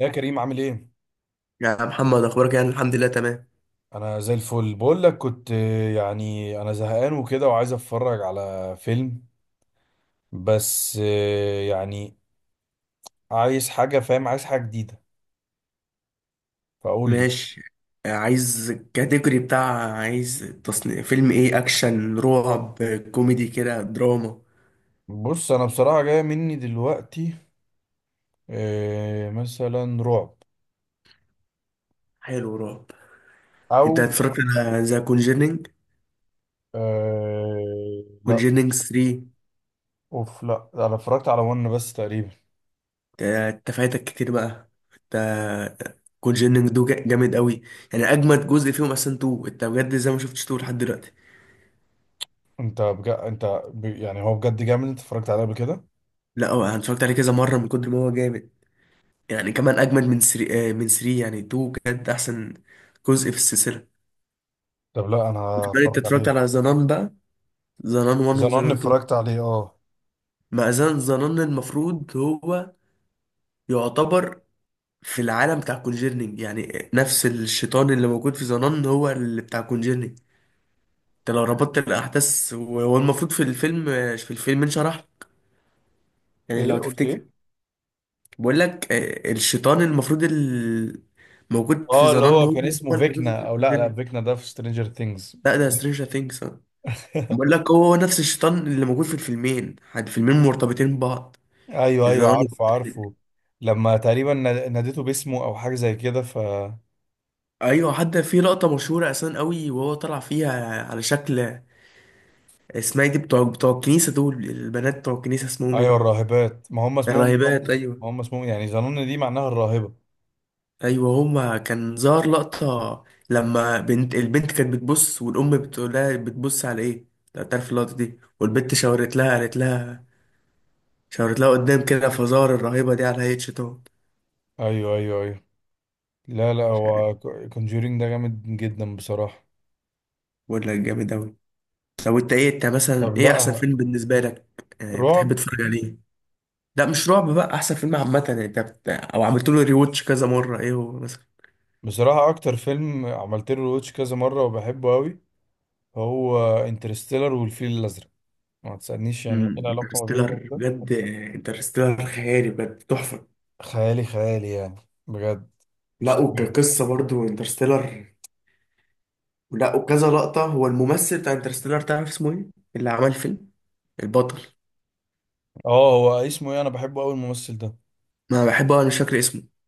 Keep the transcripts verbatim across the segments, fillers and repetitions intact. يا كريم، عامل ايه؟ يا محمد، اخبارك؟ يعني الحمد لله تمام. انا زي الفل، بقول لك كنت آه، يعني انا زهقان وكده وعايز اتفرج على فيلم. بس آه، يعني عايز حاجة، فاهم، عايز حاجة جديدة، فقول لي. ماشي. عايز الكاتيجوري بتاع عايز تصنيف فيلم ايه؟ اكشن، رعب، كوميدي كده، دراما؟ بص، انا بصراحة جاية مني دلوقتي. آه، مثلا رعب. حلو، رعب. او انت اتفرجت على ذا كونجيرنينج؟ آه، لا. كونجيرنينج تلاتة؟ اوف، لا انا اتفرجت على ون بس تقريبا. انت فايتك كتير بقى انت. كونجيرنينج دو جا- جامد قوي. يعني اجمد جزء فيهم اصلا اتنين. انت بجد زي ما شفتش اتنين لحد دلوقتي؟ انت بجد انت ب... يعني هو بجد جامد؟ انت اتفرجت عليه قبل كده؟ لا، هو انا اتفرجت عليه كذا مره من كتر ما هو جامد. يعني كمان اجمد من تلاتة، من تلاتة يعني اتنين بجد احسن جزء في السلسله. طب لا، انا وكمان انت هتفرج اتفرجت عليه. على زنان بقى؟ زنان واحد زنان وزنان اتنين. اتفرجت عليه، اه. مع زنان زنان المفروض هو يعتبر في العالم بتاع كونجيرنينج. يعني نفس الشيطان اللي موجود في زنان هو اللي بتاع كونجيرنينج. انت لو ربطت الاحداث، وهو المفروض في الفيلم، في الفيلم انشرح، يعني لو ايه، قلت تفتكر. ايه؟ بقول لك آه، الشيطان المفروض ال- موجود في اه، اللي زنان، هو هو كان هو اسمه اللي موجود فيكنا، في او لا لا، كونجيرنينج. فيكنا ده في سترينجر ثينجز. لا ده سترينجر ثينجز. بقول لك هو نفس الشيطان اللي موجود في الفيلمين، الفيلمين مرتبطين ببعض. ايوه ايوه، زنان. عارفه عارفه. لما تقريبا نا- ناديته باسمه او حاجه زي كده، ف… ايوه، حتى في لقطه مشهوره اساسا قوي وهو طلع فيها على شكل. اسمها إيه دي، بتوع بتوع الكنيسه؟ دول البنات بتوع الكنيسه اسمهم ايوه ايه؟ الراهبات، ما هم اسمهم ظنون. الراهبات، ما ايوه. هم اسمهم يعني ظنون، دي معناها الراهبه. ايوه، هما كان ظهر لقطه لما بنت البنت كانت بتبص، والام بتقول لها بتبص على ايه. لو تعرف اللقطه دي، والبنت شاورت لها، قالت لها. شاورت لها قدام كده، فزار الرهيبه دي على هيئه شيطان. ايوه ايوه ايوه. لا لا، هو كونجورينج ده جامد جدا بصراحه. ولا جامد اوي. طب انت ايه، انت مثلا طب، ايه احسن لا، فيلم بالنسبه لك آه، رعب. بتحب تتفرج عليه؟ لا مش رعب بقى، احسن فيلم عامه، يعني انت بت... او عملت له ريوتش كذا مره ايه هو مثلا؟ بصراحه اكتر فيلم عملت له روتش كذا مره وبحبه قوي هو انترستيلر والفيل الازرق. ما تسالنيش يعني ايه امم العلاقه ما بين ده انترستيلر وده. بجد. انترستيلر خيالي، بجد تحفه. خيالي خيالي يعني، بجد مش لا، طبيعي. وكقصه برضو انترستيلر. لا، وكذا لقطه. هو الممثل بتاع انترستيلر تعرف اسمه ايه؟ اللي عمل الفيلم، البطل. اه، هو اسمه ايه؟ انا بحبه قوي الممثل ده. ما بحبه انا، مش فاكر اسمه.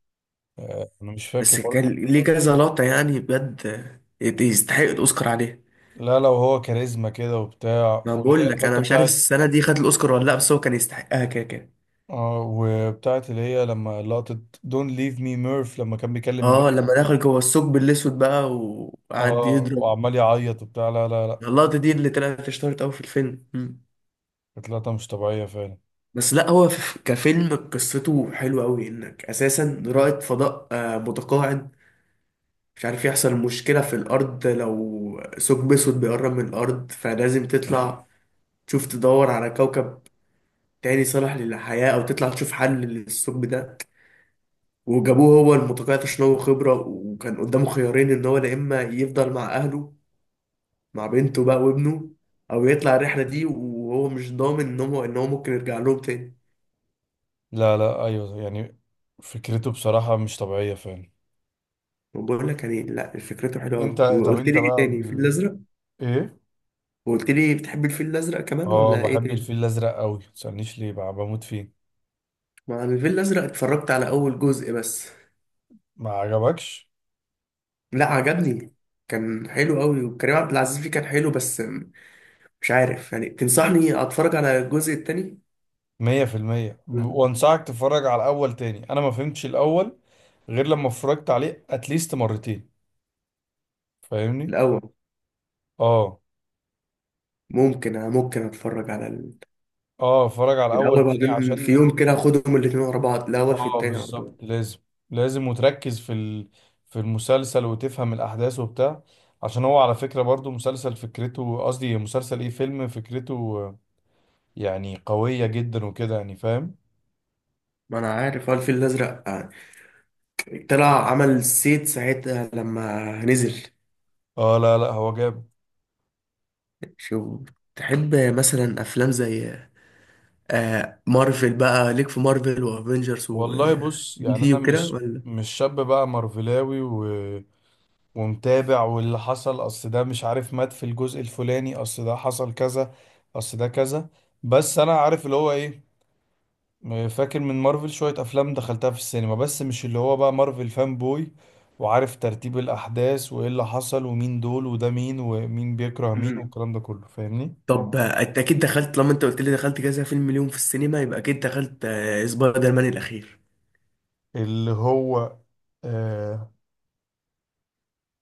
آه، انا مش فاكر بس برضه. كان ليه كذا لقطه يعني بجد يستحق الاوسكار عليه. لا لا، وهو كاريزما كده وبتاع، ما واللي هي بقول لك انا الحته مش عارف بتاعت. السنه دي خد الاوسكار ولا لا، بس هو كان يستحقها كده كده. اه وبتاعت اللي هي لما لقطة دون ليف مي ميرف لما كان بيكلم اه، بنت. لما دخل جوه الثقب الاسود بقى وقعد اه يضرب. وعمال يعيط وبتاع، لا لا لا. اللقطة دي اللي طلعت اشتهرت أوي في الفيلم. مم. كانت لقطة مش طبيعية فعلا. بس لا، هو في- كفيلم قصته حلوة أوي، إنك أساسا رائد فضاء آه، متقاعد مش عارف. يحصل مشكلة في الأرض، لو ثقب أسود بيقرب من الأرض، فلازم تطلع تشوف، تدور على كوكب تاني صالح للحياة، أو تطلع تشوف حل للثقب ده. وجابوه هو المتقاعد عشان هو خبرة، وكان قدامه خيارين، إن هو يا إما يفضل مع أهله، مع بنته بقى وابنه، أو يطلع الرحلة دي، وهو مش ضامن إن هو إن هو ممكن يرجع لهم تاني. لا لا، ايوه يعني. فكرته بصراحة مش طبيعية فعلا. بقول لك يعني، لا فكرته حلوه قوي. انت، طب وقلت انت لي ايه بقى تاني؟ الفيل بال... الازرق. ايه؟ وقلت لي بتحب الفيل الازرق كمان اه ولا ايه بحب تاني؟ الفيل الازرق قوي، متسألنيش ليه بقى، بموت فيه. مع الفيل الازرق اتفرجت على اول جزء بس. ما عجبكش؟ لا عجبني، كان حلو قوي، وكريم عبد العزيز فيه كان حلو، بس مش عارف يعني تنصحني اتفرج على الجزء التاني؟ مية في المية، لا، وانصحك تتفرج على الاول تاني. انا ما فهمتش الاول غير لما اتفرجت عليه اتليست مرتين، فاهمني. الاول. اه. ممكن انا ممكن اتفرج على ال- اه، اتفرج على الاول الاول، تاني بعدين في عشان… يوم كده اخدهم الاتنين ورا بعض، الاول في اه التاني على طول. بالظبط، لازم لازم وتركز في ال... في المسلسل وتفهم الاحداث وبتاع. عشان هو على فكرة برضو مسلسل، فكرته، قصدي مسلسل ايه، فيلم، فكرته آه، يعني قوية جدا وكده، يعني فاهم. ما انا عارف هو الفيل الازرق آه، طلع عمل سيت ساعتها لما نزل. اه لا لا، هو جاب… شوف، تحب مثلا افلام زي آه مارفل بقى؟ ليك في مارفل وافنجرز والله بص، ودي يعني سي انا وكده مش ولا؟ مش شاب بقى مارفلاوي ومتابع واللي حصل، اصل ده مش عارف مات في الجزء الفلاني، اصل ده حصل كذا، اصل ده كذا. بس انا عارف اللي هو ايه. فاكر من مارفل شوية افلام دخلتها في السينما، بس مش اللي هو بقى مارفل فان بوي، وعارف ترتيب الاحداث وايه اللي حصل ومين دول وده مين ومين بيكره مين مم. والكلام ده كله، فاهمني. طب آه، انت اكيد دخلت. لما انت قلت لي دخلت كذا فيلم اليوم في السينما، يبقى اكيد دخلت آه سبايدر مان الاخير، اللي هو، اه.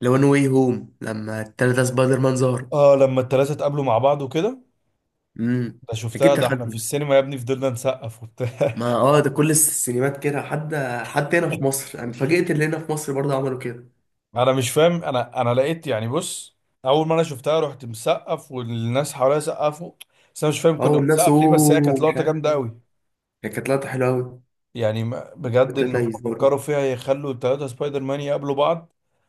لو نو واي هوم، لما التلاتة سبايدر مان ظهر. آه لما التلاتة اتقابلوا مع بعض وكده، امم ده اكيد شفتها. ده دخلت احنا في منه. السينما يا ابني فضلنا نسقف وبتاع. ما اه ده كل السينمات كده، حتى حتى هنا في مصر انا اتفاجئت اللي هنا في مصر برضه عملوا كده. انا مش فاهم، انا انا لقيت يعني، بص، اول ما انا شفتها رحت مسقف والناس حواليا سقفوا. بس انا مش فاهم اه، كنا والناس بنسقف ليه، بس هي اوه كانت مش لقطه عارف، جامده قوي. ايه كانت لقطة حلوة قوي. يعني ما- بجد ان هم التلاتة يزدروا. فكروا فيها يخلوا الثلاثه سبايدر مان يقابلوا بعض.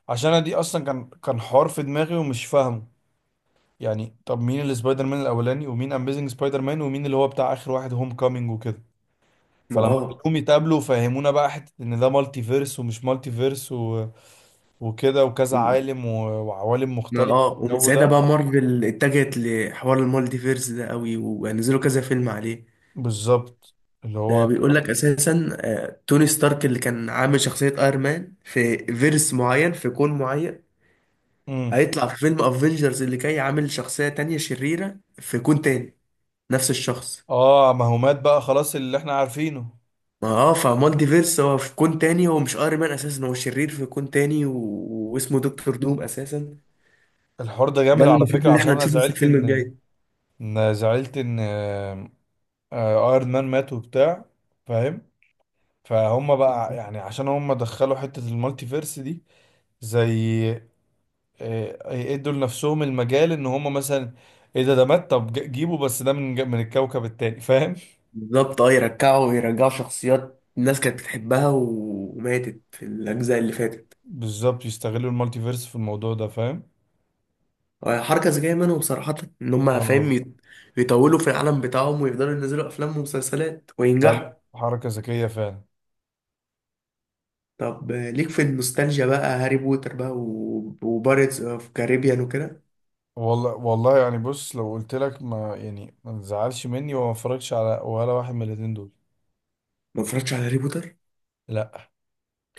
عشان انا دي اصلا كان كان حوار في دماغي ومش فاهمه، يعني طب مين السبايدر مان الاولاني، ومين اميزنج سبايدر مان، ومين اللي هو بتاع اخر واحد، هوم كامينج وكده. ما فلما اه كلهم يتقابلوا فهمونا بقى حته ان ده مالتي فيرس ومش مالتي فيرس و... وكده، وكذا مم. عالم و... وعوالم ما مختلفه اه ومن الجو ساعتها بقى ده. مارفل اتجهت لحوار المالتيفيرس ده قوي، ونزلوا كذا فيلم عليه. بالظبط، اللي ده هو بيقول لك اساسا آه، توني ستارك اللي كان عامل شخصية ايرون مان في فيرس معين، في كون معين، امم هيطلع في فيلم افنجرز اللي جاي عامل شخصية تانية شريرة في كون تاني. نفس الشخص. اه، ما هو مات بقى خلاص اللي احنا عارفينه. ما اه فمالتيفيرس هو في كون تاني، هو مش ايرون مان اساسا، هو شرير في كون تاني، و... واسمه دكتور دوم اساسا. الحوار ده ده جامد اللي على المفروض فكرة، اللي عشان احنا انا هنشوفه في زعلت الفيلم ان، الجاي. ان زعلت ان آه، آه، ايرون مان مات وبتاع، فاهم. فهم بقى يعني، عشان هم دخلوا حتة المالتي فيرس دي، زي آه، يدوا لنفسهم المجال ان هم مثلا ايه، ده ده مات، طب ج- جيبه بس ده من ج- من الكوكب التاني، فاهم. بالظبط اه، يرجعوا ويرجعوا شخصيات الناس كانت بتحبها و- وماتت في الأجزاء اللي فاتت. بالظبط، يستغلوا المالتي فيرس في الموضوع ده، فاهم. آه، حركة ذكية منهم صراحة، إن هم فاهم اه يط- يطولوا في العالم بتاعهم ويفضلوا ينزلوا أفلام ومسلسلات لا وينجحوا. لا، حركة ذكية فعلا. طب آه، ليك في النوستالجيا بقى هاري بوتر بقى و- وبارتس أوف كاريبيان وكده؟ والله والله، يعني بص، لو قلت لك، ما يعني ما تزعلش مني، وما اتفرجش على ولا واحد من الاتنين دول. ما اتفرجتش على هاري بوتر. لا،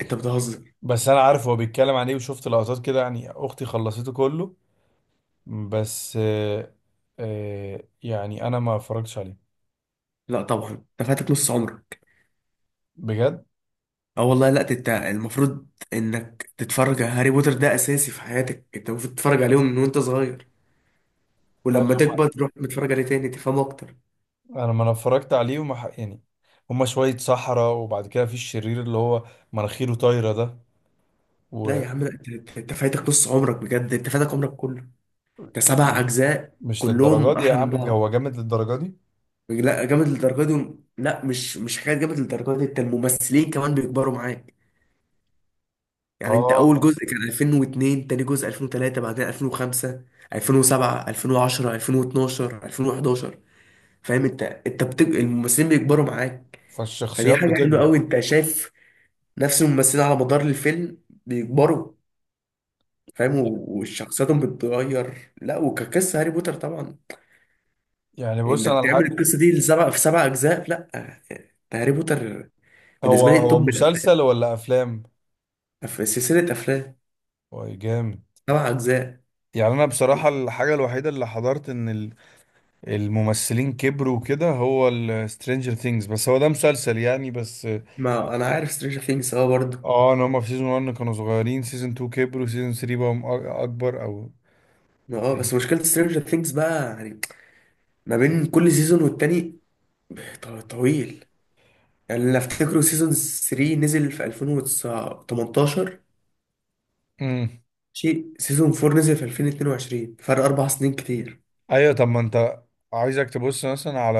أنت بتهزر؟ بس انا عارف هو بيتكلم عن ايه، وشفت لقطات كده، يعني اختي خلصته كله. بس آه آه يعني انا ما اتفرجتش عليه، لا طبعا. انت فاتك نص عمرك. بجد. اه والله، لا، انت المفروض انك تتفرج على هاري بوتر، ده اساسي في حياتك. انت المفروض تتفرج عليهم من وانت صغير، ولما أيوة. تكبر تروح متفرج عليه تاني تفهمه اكتر. ما- انا ما انا اتفرجت عليه وما ح- يعني هما شوية صحراء، وبعد كده في الشرير اللي هو مناخيره طايرة ده لا و… يا عم لا، انت انت أنت فايتك نص عمرك بجد، انت فايتك عمرك كله. انت سبع مش اجزاء مش للدرجة كلهم دي يا احلى من عم، بعض. هو جامد للدرجة دي؟ لا جامد للدرجه دي، لا، مش مش حكايه جامد للدرجه دي. انت الممثلين كمان بيكبروا معاك. يعني انت اول اه، جزء كان الفين واتنين، تاني جزء الفين وتلاتة، بعدين الفين وخمسة، الفين وسبعة، الفين وعشرة، ألفين واثنا عشر، ألفين وأحد عشر. فاهم انت، انت بتك... الممثلين بيكبروا معاك. فدي فالشخصيات حاجه حلوه بتكبر. قوي، انت شايف نفس الممثلين على مدار الفيلم بيكبروا، فاهم، و- وشخصياتهم بتتغير. لا، وكقصة هاري بوتر طبعا، يعني بص انك انا تعمل الحق، القصة دي لسبع في سبع اجزاء. لا، ده هاري بوتر هو بالنسبة لي هو توب الافلام. مسلسل ولا افلام؟ في سلسلة افلام هو جامد. سبع اجزاء. يعني انا بصراحة الحاجة الوحيدة اللي حضرت ان ال- الممثلين كبروا وكده هو السترينجر ثينجز، بس هو ده مسلسل يعني، بس. ما انا عارف سترينجر ثينجز اه برضه. اه، ان هما في سيزون واحد كانوا صغيرين، سيزون اتنين كبروا، سيزون تلاتة بقوا أ- اكبر، او. اه، بس مشكلة سترينجر ثينجز بقى يعني ما بين كل سيزون والتاني ط- طويل. يعني اللي افتكره سيزون تلاتة نزل في الفين وتمنتاشر، امم. شيء سيزون أربعة نزل في الفين واتنين وعشرين. فرق اربع سنين كتير. ايوه، طب ما انت عايزك تبص مثلا على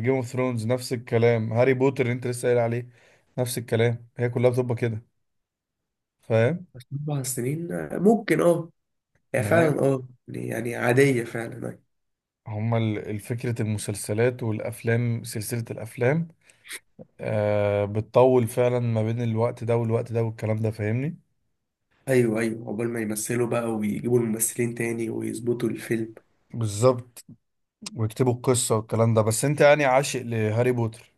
جيم اوف ثرونز، نفس الكلام هاري بوتر اللي انت لسه قايل عليه، نفس الكلام، هي كلها بتبقى كده فاهم. بس اربع سنين آه، ممكن اه. هي فعلا يعني اه يعني يعني عادية فعلا، ايوه. هما فكرة المسلسلات والأفلام، سلسلة الأفلام آه بتطول فعلا ما بين الوقت ده والوقت ده والكلام ده، فاهمني. ايوه ايوه، عقبال ما يمثلوا بقى ويجيبوا الممثلين تاني ويظبطوا الفيلم. بالظبط، ويكتبوا القصة والكلام ده، بس انت يعني عاشق لهاري بوتر.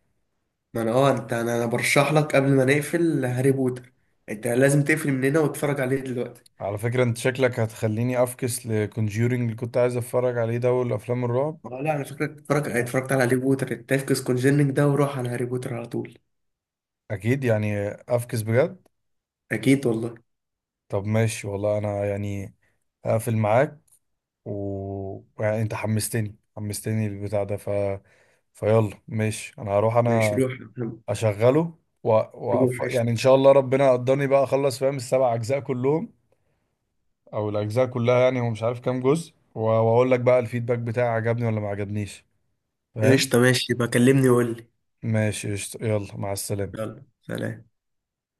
ما انا اه انت انا أنا برشح لك، قبل ما نقفل هاري بوتر انت لازم تقفل من هنا وتتفرج عليه دلوقتي. على فكرة انت شكلك هتخليني افكس لكونجيورينج اللي كنت عايز اتفرج عليه ده والافلام الرعب. اه لا، انا فاكرك اتفرج اتفرجت على هاري بوتر. التفكس كونجيننج ده وروح على هاري بوتر على طول. اكيد يعني افكس، بجد. اكيد والله. طب ماشي والله، انا يعني هقفل معاك، و يعني انت حمستني حمستني البتاع ده، ف فيلا ماشي، انا هروح ماشي انا روح يا محمد. اشغله و... و... روح ف- قشطة. يعني ان شاء الله ربنا قدرني بقى اخلص، فاهم، السبع اجزاء كلهم، او الاجزاء كلها، يعني هو مش عارف كام جزء و... واقول لك بقى الفيدباك بتاعي عجبني ولا ما عجبنيش، فاهم. قشطة ماشي، بكلمني وقول لي. ماشي قشطة. يلا مع السلامة. يلا سلام.